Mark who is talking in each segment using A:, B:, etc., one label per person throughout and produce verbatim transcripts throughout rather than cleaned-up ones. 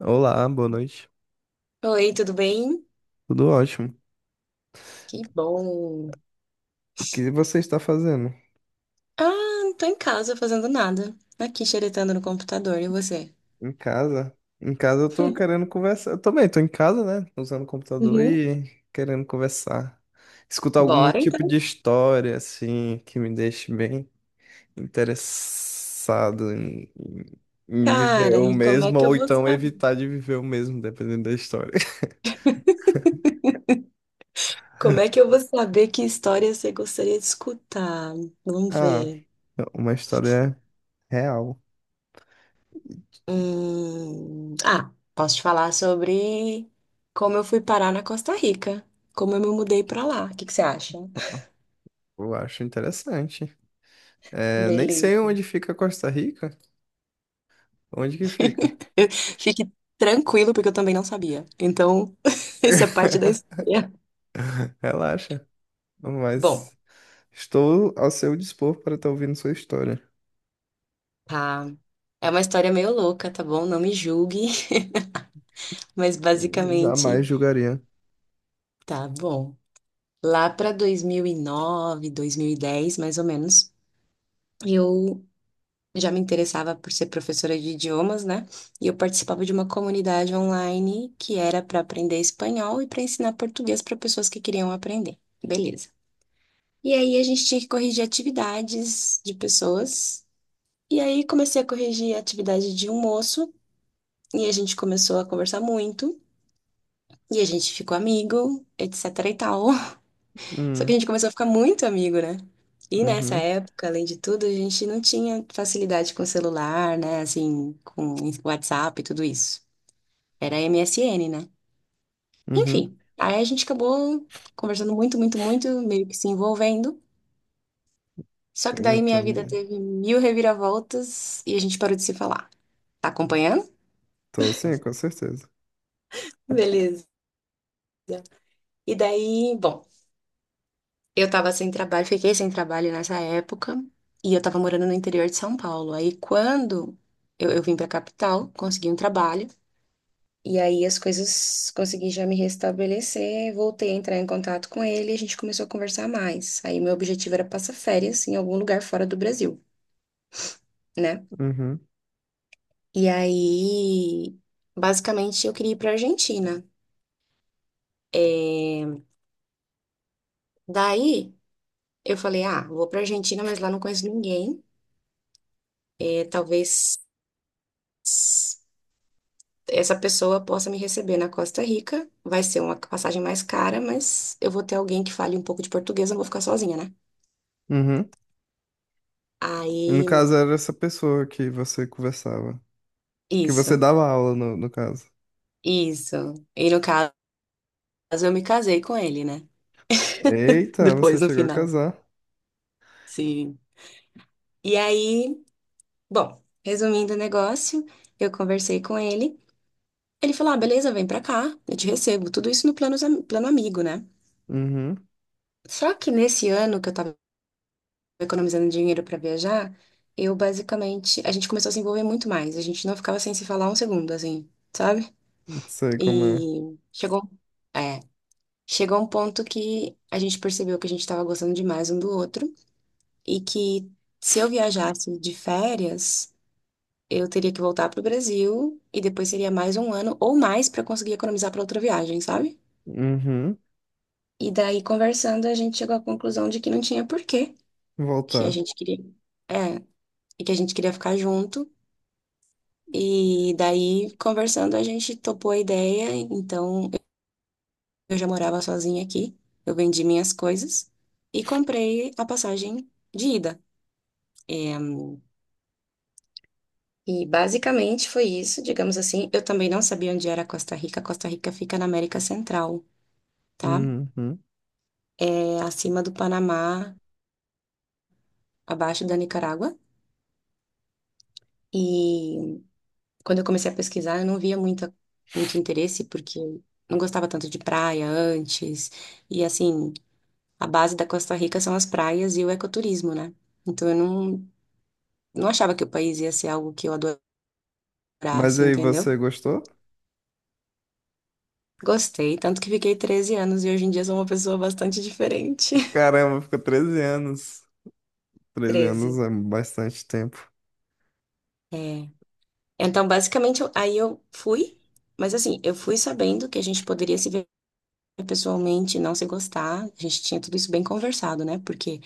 A: Olá, boa noite.
B: Oi, tudo bem?
A: Tudo ótimo.
B: Que bom.
A: O que você está fazendo?
B: Ah, não tô em casa fazendo nada. Aqui xeretando no computador, e você?
A: Em casa? Em casa eu tô querendo conversar. Eu também tô em casa, né? Usando o computador
B: Uhum.
A: e querendo conversar. Escutar algum
B: Bora
A: tipo de
B: então,
A: história, assim, que me deixe bem interessado em, em- em viver
B: cara.
A: o
B: E como é
A: mesmo,
B: que eu
A: ou
B: vou
A: então
B: saber?
A: evitar de viver o mesmo, dependendo da história.
B: Como é que eu vou saber que história você gostaria de escutar? Vamos
A: Ah,
B: ver.
A: uma história real.
B: Hum, Ah, posso te falar sobre como eu fui parar na Costa Rica, como eu me mudei pra lá. O que que você acha?
A: Eu acho interessante. É, nem sei
B: Beleza.
A: onde fica Costa Rica. Onde que fica?
B: Eu- Fique tranquilo, porque eu também não sabia. Então, isso é parte da história.
A: Relaxa,
B: Bom,
A: mas estou ao seu dispor para estar ouvindo sua história.
B: tá. É uma história meio louca, tá bom? Não me julgue, mas
A: Jamais
B: basicamente,
A: julgaria.
B: tá bom. Lá para dois dois mil mil e nove, dois mil e dez, mais ou menos, eu já me interessava por ser professora de idiomas, né? E eu participava de uma comunidade online que era para aprender espanhol e para ensinar português para pessoas que queriam aprender. Beleza. E aí a gente tinha que corrigir atividades de pessoas. E aí comecei a corrigir a atividade de um moço. E a gente começou a conversar muito. E a gente ficou amigo, etc e tal. Só que a
A: Hum,
B: gente começou a ficar muito amigo, né? E nessa
A: uhum,
B: época, além de tudo, a gente não tinha facilidade com celular, né? Assim, com WhatsApp e tudo isso. Era M S N, né?
A: uhum.
B: Enfim, aí a gente acabou conversando muito, muito, muito, meio que se envolvendo. Só que daí minha vida
A: Entendi.
B: teve mil reviravoltas e a gente parou de se falar. Tá acompanhando?
A: Tô sim, com certeza.
B: Beleza. E daí, bom. Eu tava sem trabalho, fiquei sem trabalho nessa época e eu tava morando no interior de São Paulo. Aí quando eu, eu vim pra capital, consegui um trabalho e aí as coisas consegui já me restabelecer, voltei a entrar em contato com ele e a gente começou a conversar mais. Aí meu objetivo era passar férias em algum lugar fora do Brasil, né?
A: Uhum,
B: E aí, basicamente, eu queria ir pra Argentina. Daí eu falei, ah, vou pra Argentina, mas lá não conheço ninguém. É, talvez essa pessoa possa me receber na Costa Rica. Vai ser uma passagem mais cara, mas eu vou ter alguém que fale um pouco de português, eu não vou ficar sozinha, né?
A: uhum. No
B: Aí,
A: caso, era essa pessoa que você conversava, que você
B: isso,
A: dava aula, no, no caso.
B: isso. E no caso, eu me casei com ele, né?
A: Eita, você
B: Depois, no
A: chegou a
B: final.
A: casar.
B: Sim. E aí, bom, resumindo o negócio, eu conversei com ele. Ele falou: ah, beleza, vem pra cá, eu te recebo. Tudo isso no plano, plano amigo, né?
A: Uhum,
B: Só que nesse ano que eu tava economizando dinheiro para viajar, eu basicamente, a gente começou a se envolver muito mais. A gente não ficava sem se falar um segundo, assim, sabe?
A: sei como é.
B: E chegou, é, chegou um ponto que a gente percebeu que a gente estava gostando demais um do outro e que se eu viajasse de férias, eu teria que voltar para o Brasil e depois seria mais um ano ou mais para conseguir economizar para outra viagem, sabe?
A: Uhum,
B: E daí, conversando, a gente chegou à conclusão de que não tinha porquê, que a
A: voltar.
B: gente queria, é, e que a gente queria ficar junto. E daí, conversando, a gente topou a ideia. Então, eu já morava sozinha aqui. Eu vendi minhas coisas e comprei a passagem de ida. É, e basicamente foi isso, digamos assim. Eu também não sabia onde era Costa Rica. Costa Rica fica na América Central, tá?
A: Uhum.
B: É acima do Panamá, abaixo da Nicarágua. E quando eu comecei a pesquisar, eu não via muita, muito interesse, porque eu não gostava tanto de praia antes. E assim, a base da Costa Rica são as praias e o ecoturismo, né? Então eu não, não achava que o país ia ser algo que eu
A: Mas
B: adorasse,
A: aí, você
B: entendeu?
A: gostou?
B: Gostei, tanto que fiquei treze anos e hoje em dia sou uma pessoa bastante diferente.
A: Caramba, ficou treze anos. treze
B: treze.
A: anos é bastante tempo.
B: É. Então, basicamente, eu- aí eu fui, mas assim, eu fui sabendo que a gente poderia se ver pessoalmente, e não se gostar. A gente tinha tudo isso bem conversado, né? Porque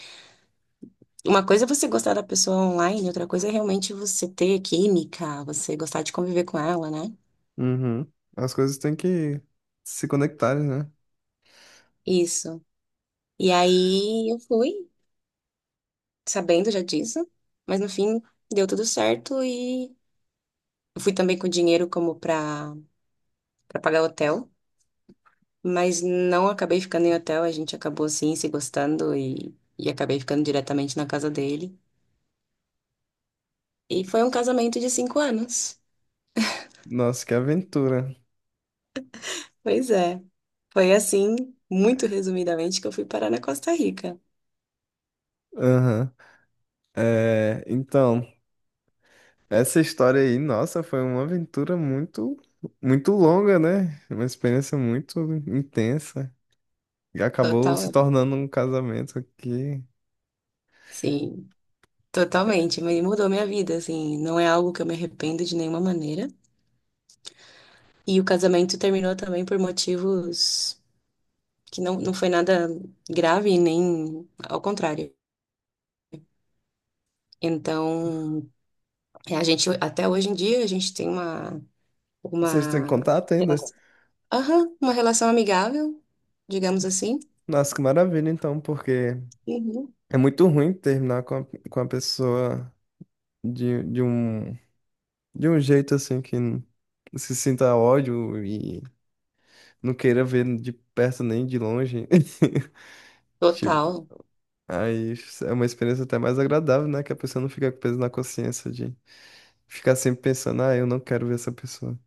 B: uma coisa é você gostar da pessoa online, outra coisa é realmente você ter química, você gostar de conviver com ela, né?
A: Uhum. As coisas têm que se conectarem, né?
B: Isso. E aí eu fui, sabendo já disso, mas no fim deu tudo certo e eu fui também com dinheiro como pra, pra, pagar hotel, mas não acabei ficando em hotel, a gente acabou assim se gostando e, e acabei ficando diretamente na casa dele. E foi um casamento de cinco anos.
A: Nossa, que aventura.
B: Pois é. Foi assim, muito resumidamente, que eu fui parar na Costa Rica.
A: Aham. É, então, essa história aí, nossa, foi uma aventura muito, muito longa, né? Uma experiência muito intensa. E acabou se
B: Total,
A: tornando um casamento que
B: sim, totalmente. Mas mudou minha vida, assim. Não é algo que eu me arrependo de nenhuma maneira. E o casamento terminou também por motivos que não, não foi nada grave, nem ao contrário. Então, é, a gente, até hoje em dia, a gente tem uma,
A: vocês têm
B: uma,
A: contato ainda?
B: relação, aham, uma relação amigável, digamos assim.
A: Nossa, que maravilha, então, porque
B: Uhum.
A: é muito ruim terminar com a, com a pessoa de, de um de um jeito assim que n- se sinta ódio e não queira ver de perto nem de longe. Tipo,
B: Total,
A: aí é uma experiência até mais agradável, né? Que a pessoa não fica com peso na consciência de ficar sempre pensando, ah, eu não quero ver essa pessoa.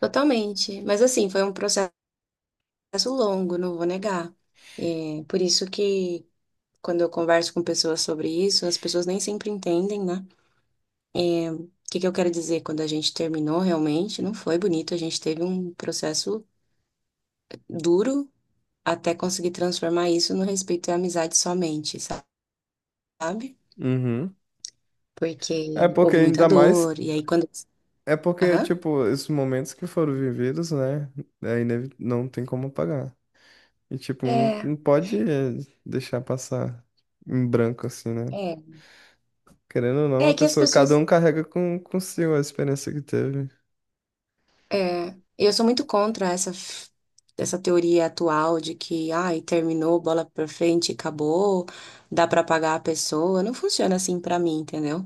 B: totalmente. Mas assim, foi um processo longo, não vou negar. É, por isso que quando eu converso com pessoas sobre isso, as pessoas nem sempre entendem, né? O que que eu quero dizer? Quando a gente terminou, realmente não foi bonito. A gente teve um processo duro até conseguir transformar isso no respeito e amizade somente, sabe?
A: Uhum. É
B: Porque
A: porque
B: houve muita
A: ainda mais,
B: dor. E aí, quando.
A: é porque,
B: Aham.
A: tipo, esses momentos que foram vividos, né? É inevi- não tem como apagar. E, tipo, não,
B: É,
A: não pode eh, deixar passar em branco, assim, né?
B: é.
A: Querendo ou não,
B: É
A: a
B: que as
A: pessoa, cada
B: pessoas
A: um carrega com, consigo a experiência que teve.
B: É, eu sou muito contra essa, f- essa teoria atual de que, ai, terminou, bola pra frente, acabou, dá pra pagar a pessoa. Não funciona assim pra mim, entendeu?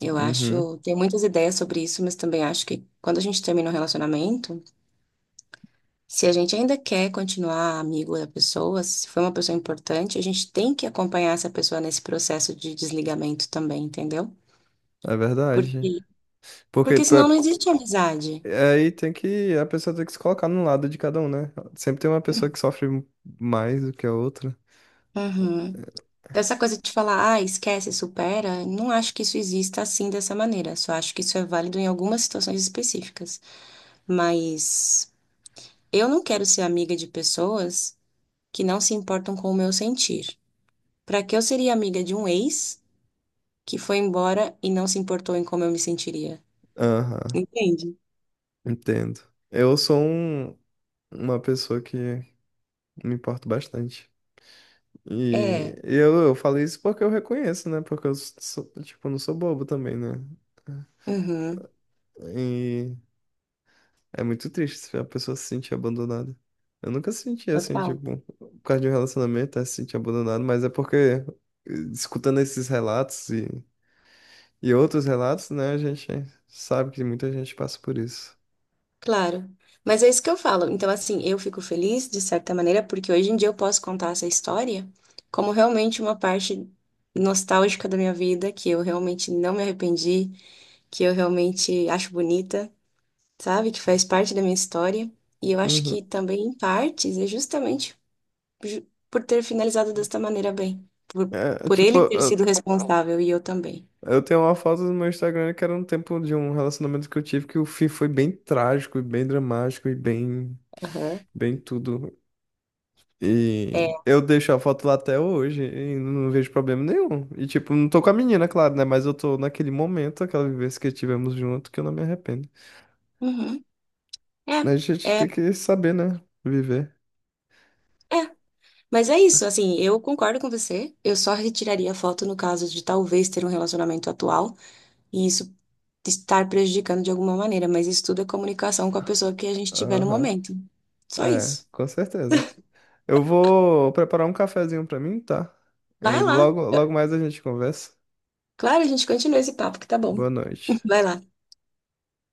B: Eu
A: Uhum,
B: acho, tem muitas ideias sobre isso, mas também acho que quando a gente termina um relacionamento, se a gente ainda quer continuar amigo da pessoa, se foi uma pessoa importante, a gente tem que acompanhar essa pessoa nesse processo de desligamento também, entendeu?
A: é verdade.
B: Porque,
A: Porque
B: porque
A: pra-
B: senão não existe amizade.
A: Aí tem que, a pessoa tem que se colocar no lado de cada um, né? Sempre tem uma pessoa que sofre mais do que a outra.
B: Uhum. Essa coisa de falar, ah, esquece, supera, não acho que isso exista assim dessa maneira. Só acho que isso é válido em algumas situações específicas. Mas eu não quero ser amiga de pessoas que não se importam com o meu sentir. Pra que eu seria amiga de um ex que foi embora e não se importou em como eu me sentiria?
A: Aham,
B: Entende?
A: entendo. Eu sou um- uma pessoa que me importo bastante. E
B: É.
A: eu, eu falei isso porque eu reconheço, né? Porque eu, sou, tipo, não sou bobo também, né?
B: Uhum.
A: E É muito triste se a pessoa se sentir abandonada. Eu nunca senti assim,
B: Total.
A: tipo, por causa de um relacionamento, é se sentir abandonado, mas é porque, eh, escutando esses relatos e, e outros relatos, né, a gente sabe que muita gente passa por isso.
B: Claro. Mas é isso que eu falo. Então, assim, eu fico feliz, de certa maneira, porque hoje em dia eu posso contar essa história como realmente uma parte nostálgica da minha vida, que eu realmente não me arrependi, que eu realmente acho bonita, sabe? Que faz parte da minha história. E eu acho que
A: Uhum.
B: também, em partes, é justamente ju- por ter finalizado desta maneira bem. Por,
A: É, é
B: por
A: tipo,
B: ele ter
A: eu,
B: sido responsável e eu também.
A: eu tenho uma foto no meu Instagram que era um tempo de um relacionamento que eu tive que o fim foi bem trágico e bem dramático e bem,
B: Aham.
A: bem tudo.
B: É.
A: E eu deixo a foto lá até hoje e não vejo problema nenhum. E tipo, não tô com a menina, claro, né? Mas eu tô naquele momento, aquela vivência que tivemos junto, que eu não me arrependo.
B: Uhum.
A: A gente
B: É.
A: tem
B: É.
A: que saber, né? Viver.
B: É. Mas é isso, assim, eu concordo com você. Eu só retiraria a foto no caso de talvez ter um relacionamento atual e isso estar prejudicando de alguma maneira, mas isso tudo é comunicação com a pessoa que a gente tiver no
A: Aham.
B: momento. Só
A: É,
B: isso.
A: com certeza. Eu vou preparar um cafezinho pra mim, tá? Aí
B: Vai lá.
A: logo, logo mais a gente conversa.
B: Claro, a gente continua esse papo que tá bom.
A: Boa noite.
B: Vai lá.